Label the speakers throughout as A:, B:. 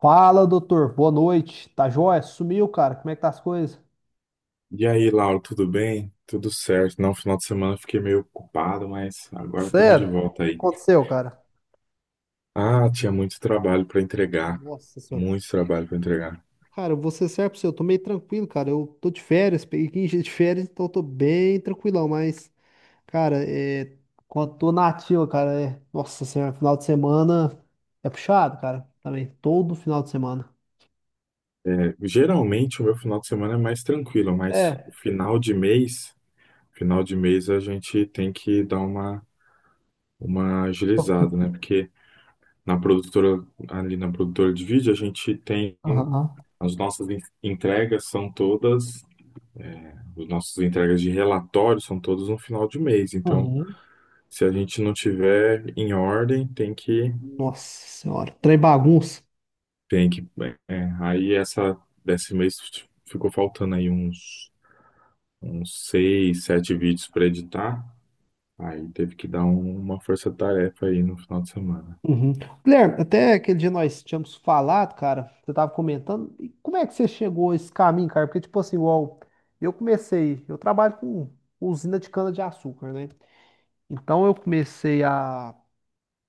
A: Fala, doutor. Boa noite. Tá jóia? Sumiu, cara. Como é que tá as coisas?
B: E aí, Laura, tudo bem? Tudo certo. Não, final de semana eu fiquei meio ocupado, mas agora estamos de
A: Sério?
B: volta
A: O que
B: aí.
A: aconteceu, cara?
B: Ah, tinha muito trabalho para entregar.
A: Nossa senhora.
B: Muito trabalho para entregar.
A: Cara, eu vou ser sério pra você, eu tô meio tranquilo, cara. Eu tô de férias, peguei 15 dias de férias, então eu tô bem tranquilão, mas, cara, quando tô na ativa, cara, nossa senhora, final de semana é puxado, cara. Também, todo final de semana.
B: É, geralmente o meu final de semana é mais tranquilo, mas
A: É.
B: final de mês a gente tem que dar uma agilizada, né? Porque na produtora, ali na produtora de vídeo, a gente tem
A: Aham.
B: entregas são todas, os nossos entregas de relatório são todos no final de mês, então
A: Uhum.
B: se a gente não tiver em ordem,
A: Nossa senhora, trem bagunça.
B: tem que, aí essa, desse mês ficou faltando aí uns, uns seis, sete vídeos para editar, aí teve que dar uma força-tarefa aí no final de semana.
A: Uhum. Guilherme, até aquele dia nós tínhamos falado, cara, você tava comentando, e como é que você chegou a esse caminho, cara? Porque, tipo assim, igual, eu comecei, eu trabalho com usina de cana-de-açúcar, né? Então eu comecei a,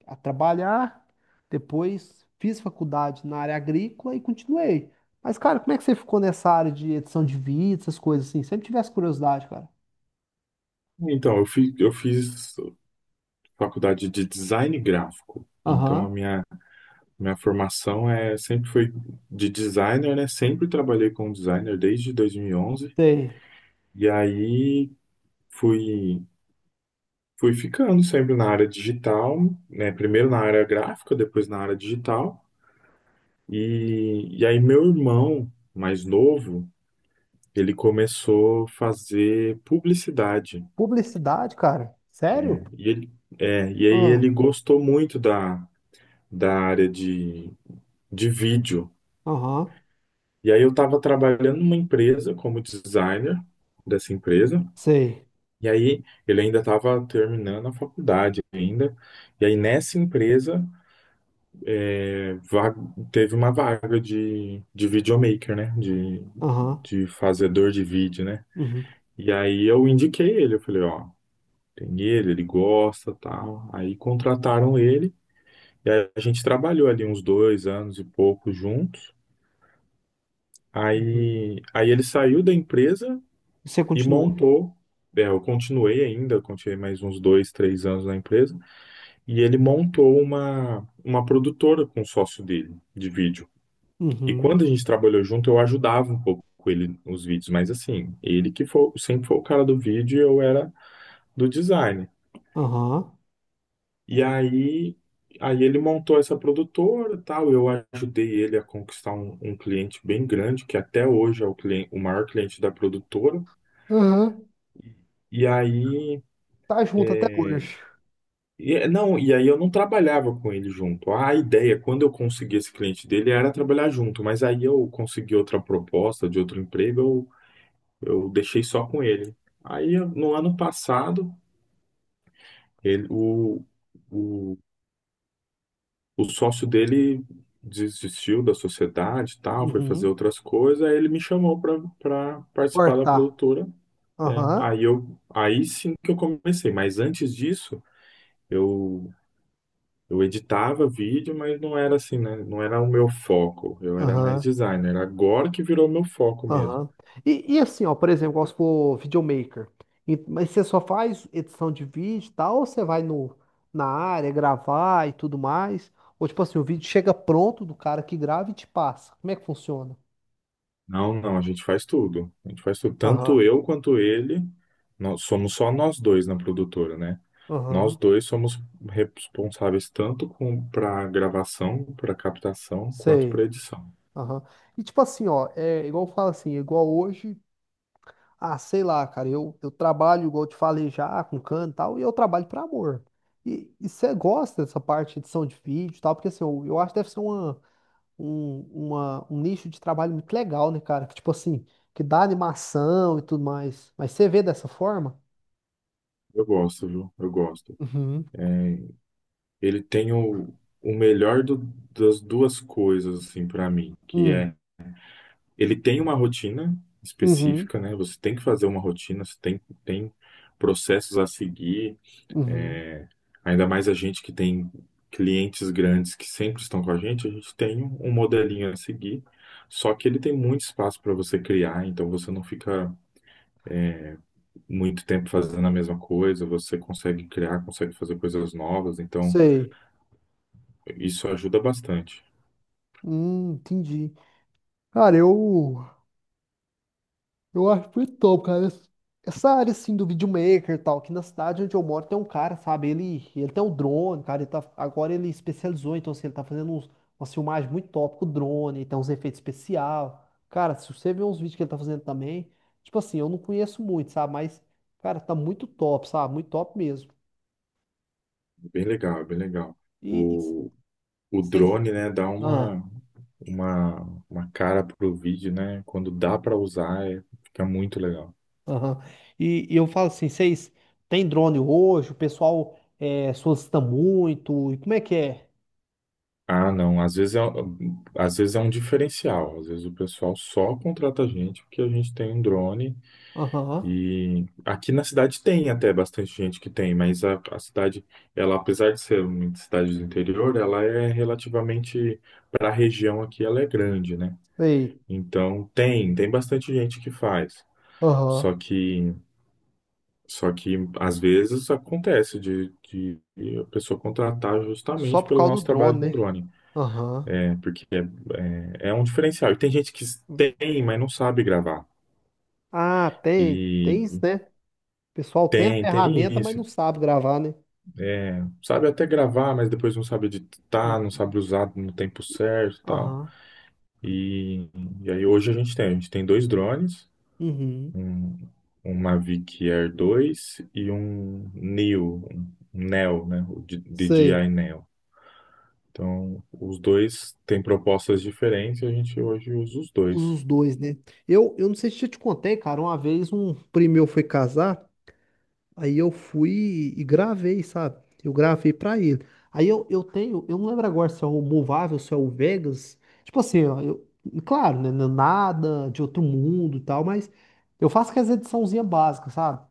A: a trabalhar, depois fiz faculdade na área agrícola e continuei. Mas, cara, como é que você ficou nessa área de edição de vídeo, essas coisas assim? Sempre tive essa curiosidade, cara.
B: Então, eu fiz faculdade de design gráfico, então
A: Aham,
B: minha formação sempre foi de designer, né? Sempre trabalhei como designer desde 2011, e onze.
A: sei.
B: E aí fui fui ficando sempre na área digital, né? Primeiro na área gráfica, depois na área digital. E aí meu irmão mais novo, ele começou a fazer publicidade.
A: Publicidade, cara? Sério?
B: E ele, e aí
A: Ah,
B: ele gostou muito da área de vídeo.
A: aham,
B: E aí eu estava trabalhando numa empresa como designer dessa empresa.
A: sei.
B: E aí ele ainda estava terminando a faculdade ainda. E aí nessa empresa va- teve uma vaga de videomaker, né?
A: Aham.
B: De fazedor de vídeo, né?
A: Uhum,
B: E aí eu indiquei ele, eu falei, ó, tem ele, ele gosta, tal. Aí contrataram ele, e aí a gente trabalhou ali uns dois anos e pouco juntos.
A: uhum.
B: Aí ele saiu da empresa
A: Você
B: e
A: continuou.
B: montou. É, eu continuei ainda, continuei mais uns dois, três anos na empresa, e ele montou uma produtora com o sócio dele de vídeo. E
A: Uhum,
B: quando a gente trabalhou junto, eu ajudava um pouco ele nos vídeos, mas assim, ele que foi, sempre foi o cara do vídeo e eu era do design.
A: aham,
B: E aí, aí ele montou essa produtora, e tal, eu ajudei ele a conquistar um, um cliente bem grande, que até hoje é o cliente, o maior cliente da produtora.
A: aham.
B: E aí,
A: Tá junto até hoje.
B: não, e aí eu não trabalhava com ele junto. A ideia, quando eu consegui esse cliente dele, era trabalhar junto, mas aí eu consegui outra proposta de outro emprego, eu deixei só com ele. Aí, no ano passado, ele, o, o, o sócio dele desistiu da sociedade e tal, foi fazer
A: Uhum,
B: outras coisas, aí ele me chamou para participar da
A: cortar.
B: produtora. É,
A: Aham.
B: aí sim que eu comecei, mas antes disso, eu, eu editava vídeo, mas não era assim, né? Não era o meu foco, eu era mais
A: Aham.
B: designer. Agora que virou meu foco mesmo.
A: Aham. E assim, ó, por exemplo, igual se for videomaker. Mas você só faz edição de vídeo e tal, ou você vai no, na área gravar e tudo mais? Ou tipo assim, o vídeo chega pronto do cara que grava e te passa. Como é que funciona?
B: Não, não, a gente faz tudo. A gente faz tudo.
A: Aham.
B: Tanto eu quanto ele, nós somos só nós dois na produtora, né? Nós
A: Aham.
B: dois somos responsáveis tanto com para gravação, para captação, quanto
A: Sei.
B: para edição.
A: Aham. E tipo assim, ó, é igual eu falo assim, igual hoje. Ah, sei lá, cara, eu trabalho, igual eu te falei já, com canto e tal, e eu trabalho por amor. E você gosta dessa parte de edição de vídeo e tal, porque assim, eu acho que deve ser um nicho de trabalho muito legal, né, cara? Que tipo assim, que dá animação e tudo mais. Mas você vê dessa forma?
B: Eu gosto, viu? Eu gosto.
A: Uhum.
B: É, ele tem o melhor do- das duas coisas, assim, para mim, que
A: Hum,
B: é ele tem uma rotina
A: uhum,
B: específica, né? Você tem que fazer uma rotina, você tem, tem processos a seguir.
A: uhum.
B: É, ainda mais a gente que tem clientes grandes que sempre estão com a gente tem um modelinho a seguir, só que ele tem muito espaço para você criar, então você não fica muito tempo fazendo a mesma coisa, você consegue criar, consegue fazer coisas novas, então
A: Sei.
B: isso ajuda bastante.
A: Entendi. Cara, eu. Eu acho muito top, cara. Essa área, assim, do videomaker e tal, aqui na cidade onde eu moro tem um cara, sabe? Ele tem um drone, cara. Ele tá, agora ele especializou, então, assim, ele tá fazendo umas filmagens muito top com o drone, tem uns efeitos especial. Cara, se você ver uns vídeos que ele tá fazendo também, tipo assim, eu não conheço muito, sabe? Mas, cara, tá muito top, sabe? Muito top mesmo.
B: Bem legal, bem legal.
A: E, e c-
B: O, o
A: vocês...
B: drone, né, dá
A: Ah,
B: uma, uma cara pro vídeo, né? Quando dá para usar, fica muito legal.
A: aham. E eu falo assim, vocês têm drone hoje? O pessoal solicita muito? E como é que é?
B: Ah, não. Às vezes é um diferencial. Às vezes o pessoal só contrata a gente porque a gente tem um drone.
A: Aham.
B: E aqui na cidade tem até bastante gente que tem, mas a cidade, ela, apesar de ser uma cidade do interior, ela é relativamente, para a região aqui, ela é grande, né?
A: Sei.
B: Então tem, tem bastante gente que faz.
A: Aham.
B: Só que, só que às vezes acontece de a pessoa contratar
A: Só
B: justamente
A: por
B: pelo
A: causa do
B: nosso trabalho
A: drone,
B: com
A: né?
B: drone.
A: Aham.
B: Né? Porque é, é, é um diferencial. E tem gente que tem, mas não sabe gravar.
A: Ah, tem. Tem isso,
B: E
A: né? O pessoal tem a
B: tem, tem
A: ferramenta, mas não
B: isso.
A: sabe gravar, né?
B: Sabe até gravar, mas depois não sabe editar, não
A: Uhum.
B: sabe usar no tempo certo e tal.
A: Aham.
B: E, e aí hoje a gente tem dois drones,
A: Uhum.
B: um, um Mavic Air dois e um Neo, né? DJI
A: Sei.
B: Neo. Então, os dois têm propostas diferentes e a gente hoje usa os
A: Usa
B: dois.
A: os dois, né? Eu não sei se eu te contei, cara. Uma vez um primo meu foi casar. Aí eu fui e gravei, sabe? Eu gravei pra ele. Aí eu não lembro agora se é o Movável, se é o Vegas. Tipo assim, ó, claro, né? Não é nada de outro mundo e tal, mas eu faço aquelas ediçãozinhas básica, sabe?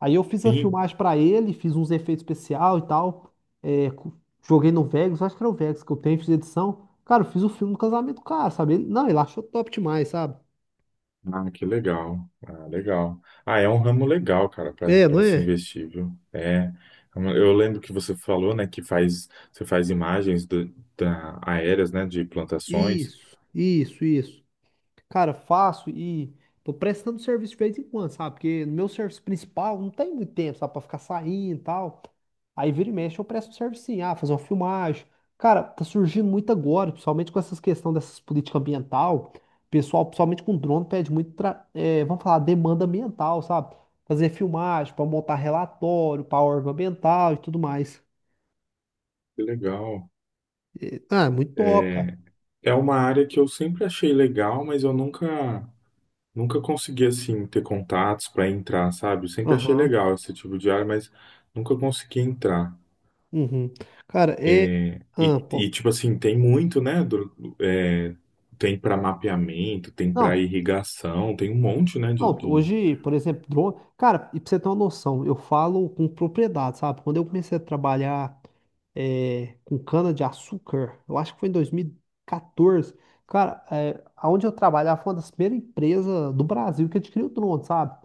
A: Aí eu fiz a
B: E
A: filmagem pra ele, fiz uns efeitos especial e tal. é, co- Joguei no Vegas, acho que era o Vegas que eu tenho, fiz edição. Cara, eu fiz o filme do casamento do cara, sabe? Ele- não, ele achou top demais, sabe?
B: ah, que legal. Ah, legal. Ah, é um ramo legal, cara, para
A: É, não
B: para se
A: é?
B: investir, viu? É. Eu lembro que você falou, né, que faz você faz imagens da, aéreas, né, de plantações.
A: Isso, isso, isso. Cara, faço e tô prestando serviço de vez em quando, sabe? Porque no meu serviço principal não tem muito tempo, sabe? Pra ficar saindo e tal. Aí vira e mexe, eu presto um serviço sim. Ah, fazer uma filmagem. Cara, tá surgindo muito agora, principalmente com essas questões dessas políticas ambiental. Pessoal, principalmente com drone, pede muito, vamos falar, demanda ambiental, sabe? Fazer filmagem, pra montar relatório, pra órgão ambiental e tudo mais.
B: Que legal.
A: Ah, é muito top, cara.
B: É, é uma área que eu sempre achei legal, mas eu nunca consegui assim ter contatos para entrar, sabe? Eu sempre achei
A: Aham.
B: legal esse tipo de área, mas nunca consegui entrar.
A: Uhum. Cara, é. Ah,
B: E,
A: pô.
B: tipo assim, tem muito, né? Tem para mapeamento, tem para
A: Não,
B: irrigação, tem um monte, né?
A: não,
B: De-
A: hoje, por exemplo, drone. Cara, e pra você ter uma noção, eu falo com propriedade, sabe? Quando eu comecei a trabalhar com cana-de-açúcar, eu acho que foi em 2014. Cara, é, aonde eu trabalhava foi uma das primeiras empresas do Brasil que adquiriu drone, sabe?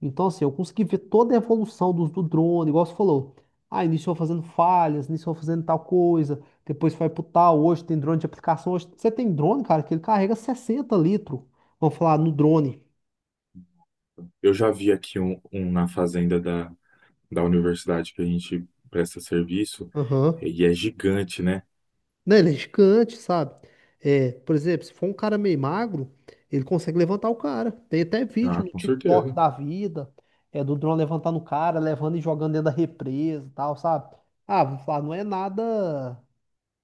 A: Então, assim, eu consegui ver toda a evolução do drone, igual você falou. Ah, iniciou fazendo falhas, iniciou fazendo tal coisa, depois foi pro tal. Hoje tem drone de aplicação. Hoje você tem drone, cara, que ele carrega 60 litros, vamos falar, no drone.
B: eu já vi aqui um, um na fazenda da, da universidade que a gente presta serviço,
A: Aham.
B: e é gigante, né?
A: Não, ele é gigante, sabe? É, por exemplo, se for um cara meio magro, ele consegue levantar o cara. Tem até vídeo
B: Ah,
A: no
B: com
A: TikTok
B: certeza.
A: da vida, é do drone levantando o cara, levando e jogando dentro da represa e tal, sabe? Ah, vou falar, não é nada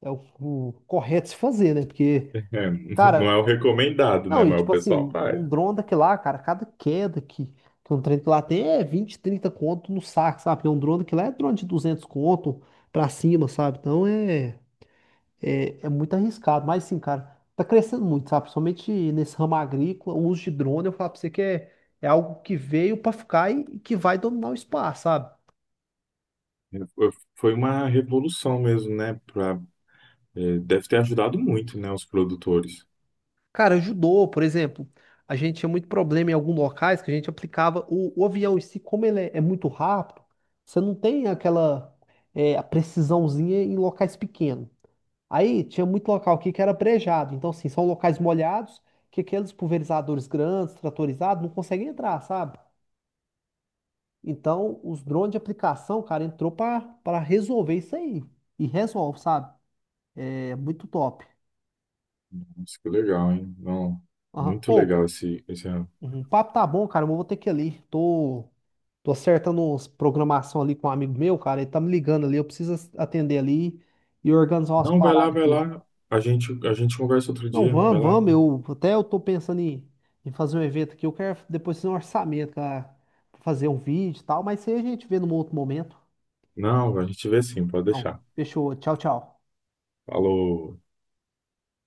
A: é o correto se fazer, né? Porque,
B: É, não é
A: cara,
B: o recomendado, né?
A: não, e
B: Mas o
A: tipo assim,
B: pessoal
A: um,
B: faz.
A: um drone daquele lá, cara, cada queda que um trem que lá tem é 20, 30 conto no saco, sabe? Porque um drone daquele lá é drone de 200 conto pra cima, sabe? Então é. É muito arriscado, mas sim, cara, tá crescendo muito, sabe? Principalmente nesse ramo agrícola, o uso de drone, eu falo pra você que é algo que veio pra ficar e que vai dominar o espaço, sabe?
B: Foi foi uma revolução mesmo, né? Pra, é, deve ter ajudado muito, né? Os produtores.
A: Cara, ajudou, por exemplo, a gente tinha muito problema em alguns locais que a gente aplicava o avião em si, como ele é muito rápido, você não tem aquela a precisãozinha em locais pequenos. Aí tinha muito local aqui que era brejado, então assim, são locais molhados que aqueles pulverizadores grandes, tratorizados, não conseguem entrar, sabe? Então, os drones de aplicação, cara, entrou pra para resolver isso aí. E resolve, sabe? É muito top.
B: Nossa, que legal, hein? Não,
A: Aham.
B: muito
A: Ô,
B: legal esse, esse
A: uhum, o papo tá bom, cara, mas eu vou ter que ir ali. Tô acertando uns programação ali com um amigo meu, cara. Ele tá me ligando ali. Eu preciso atender ali e organizar umas
B: não, vai lá,
A: paradas
B: vai
A: aqui.
B: lá. A gente conversa outro
A: Não,
B: dia. Vai
A: vamos,
B: lá.
A: vamos. Até eu tô pensando em, fazer um evento aqui. Eu quero depois fazer um orçamento, cara, pra fazer um vídeo e tal. Mas isso aí a gente vê num outro momento.
B: Não, a gente vê sim, pode
A: Não,
B: deixar.
A: fechou. Tchau, tchau.
B: Falou.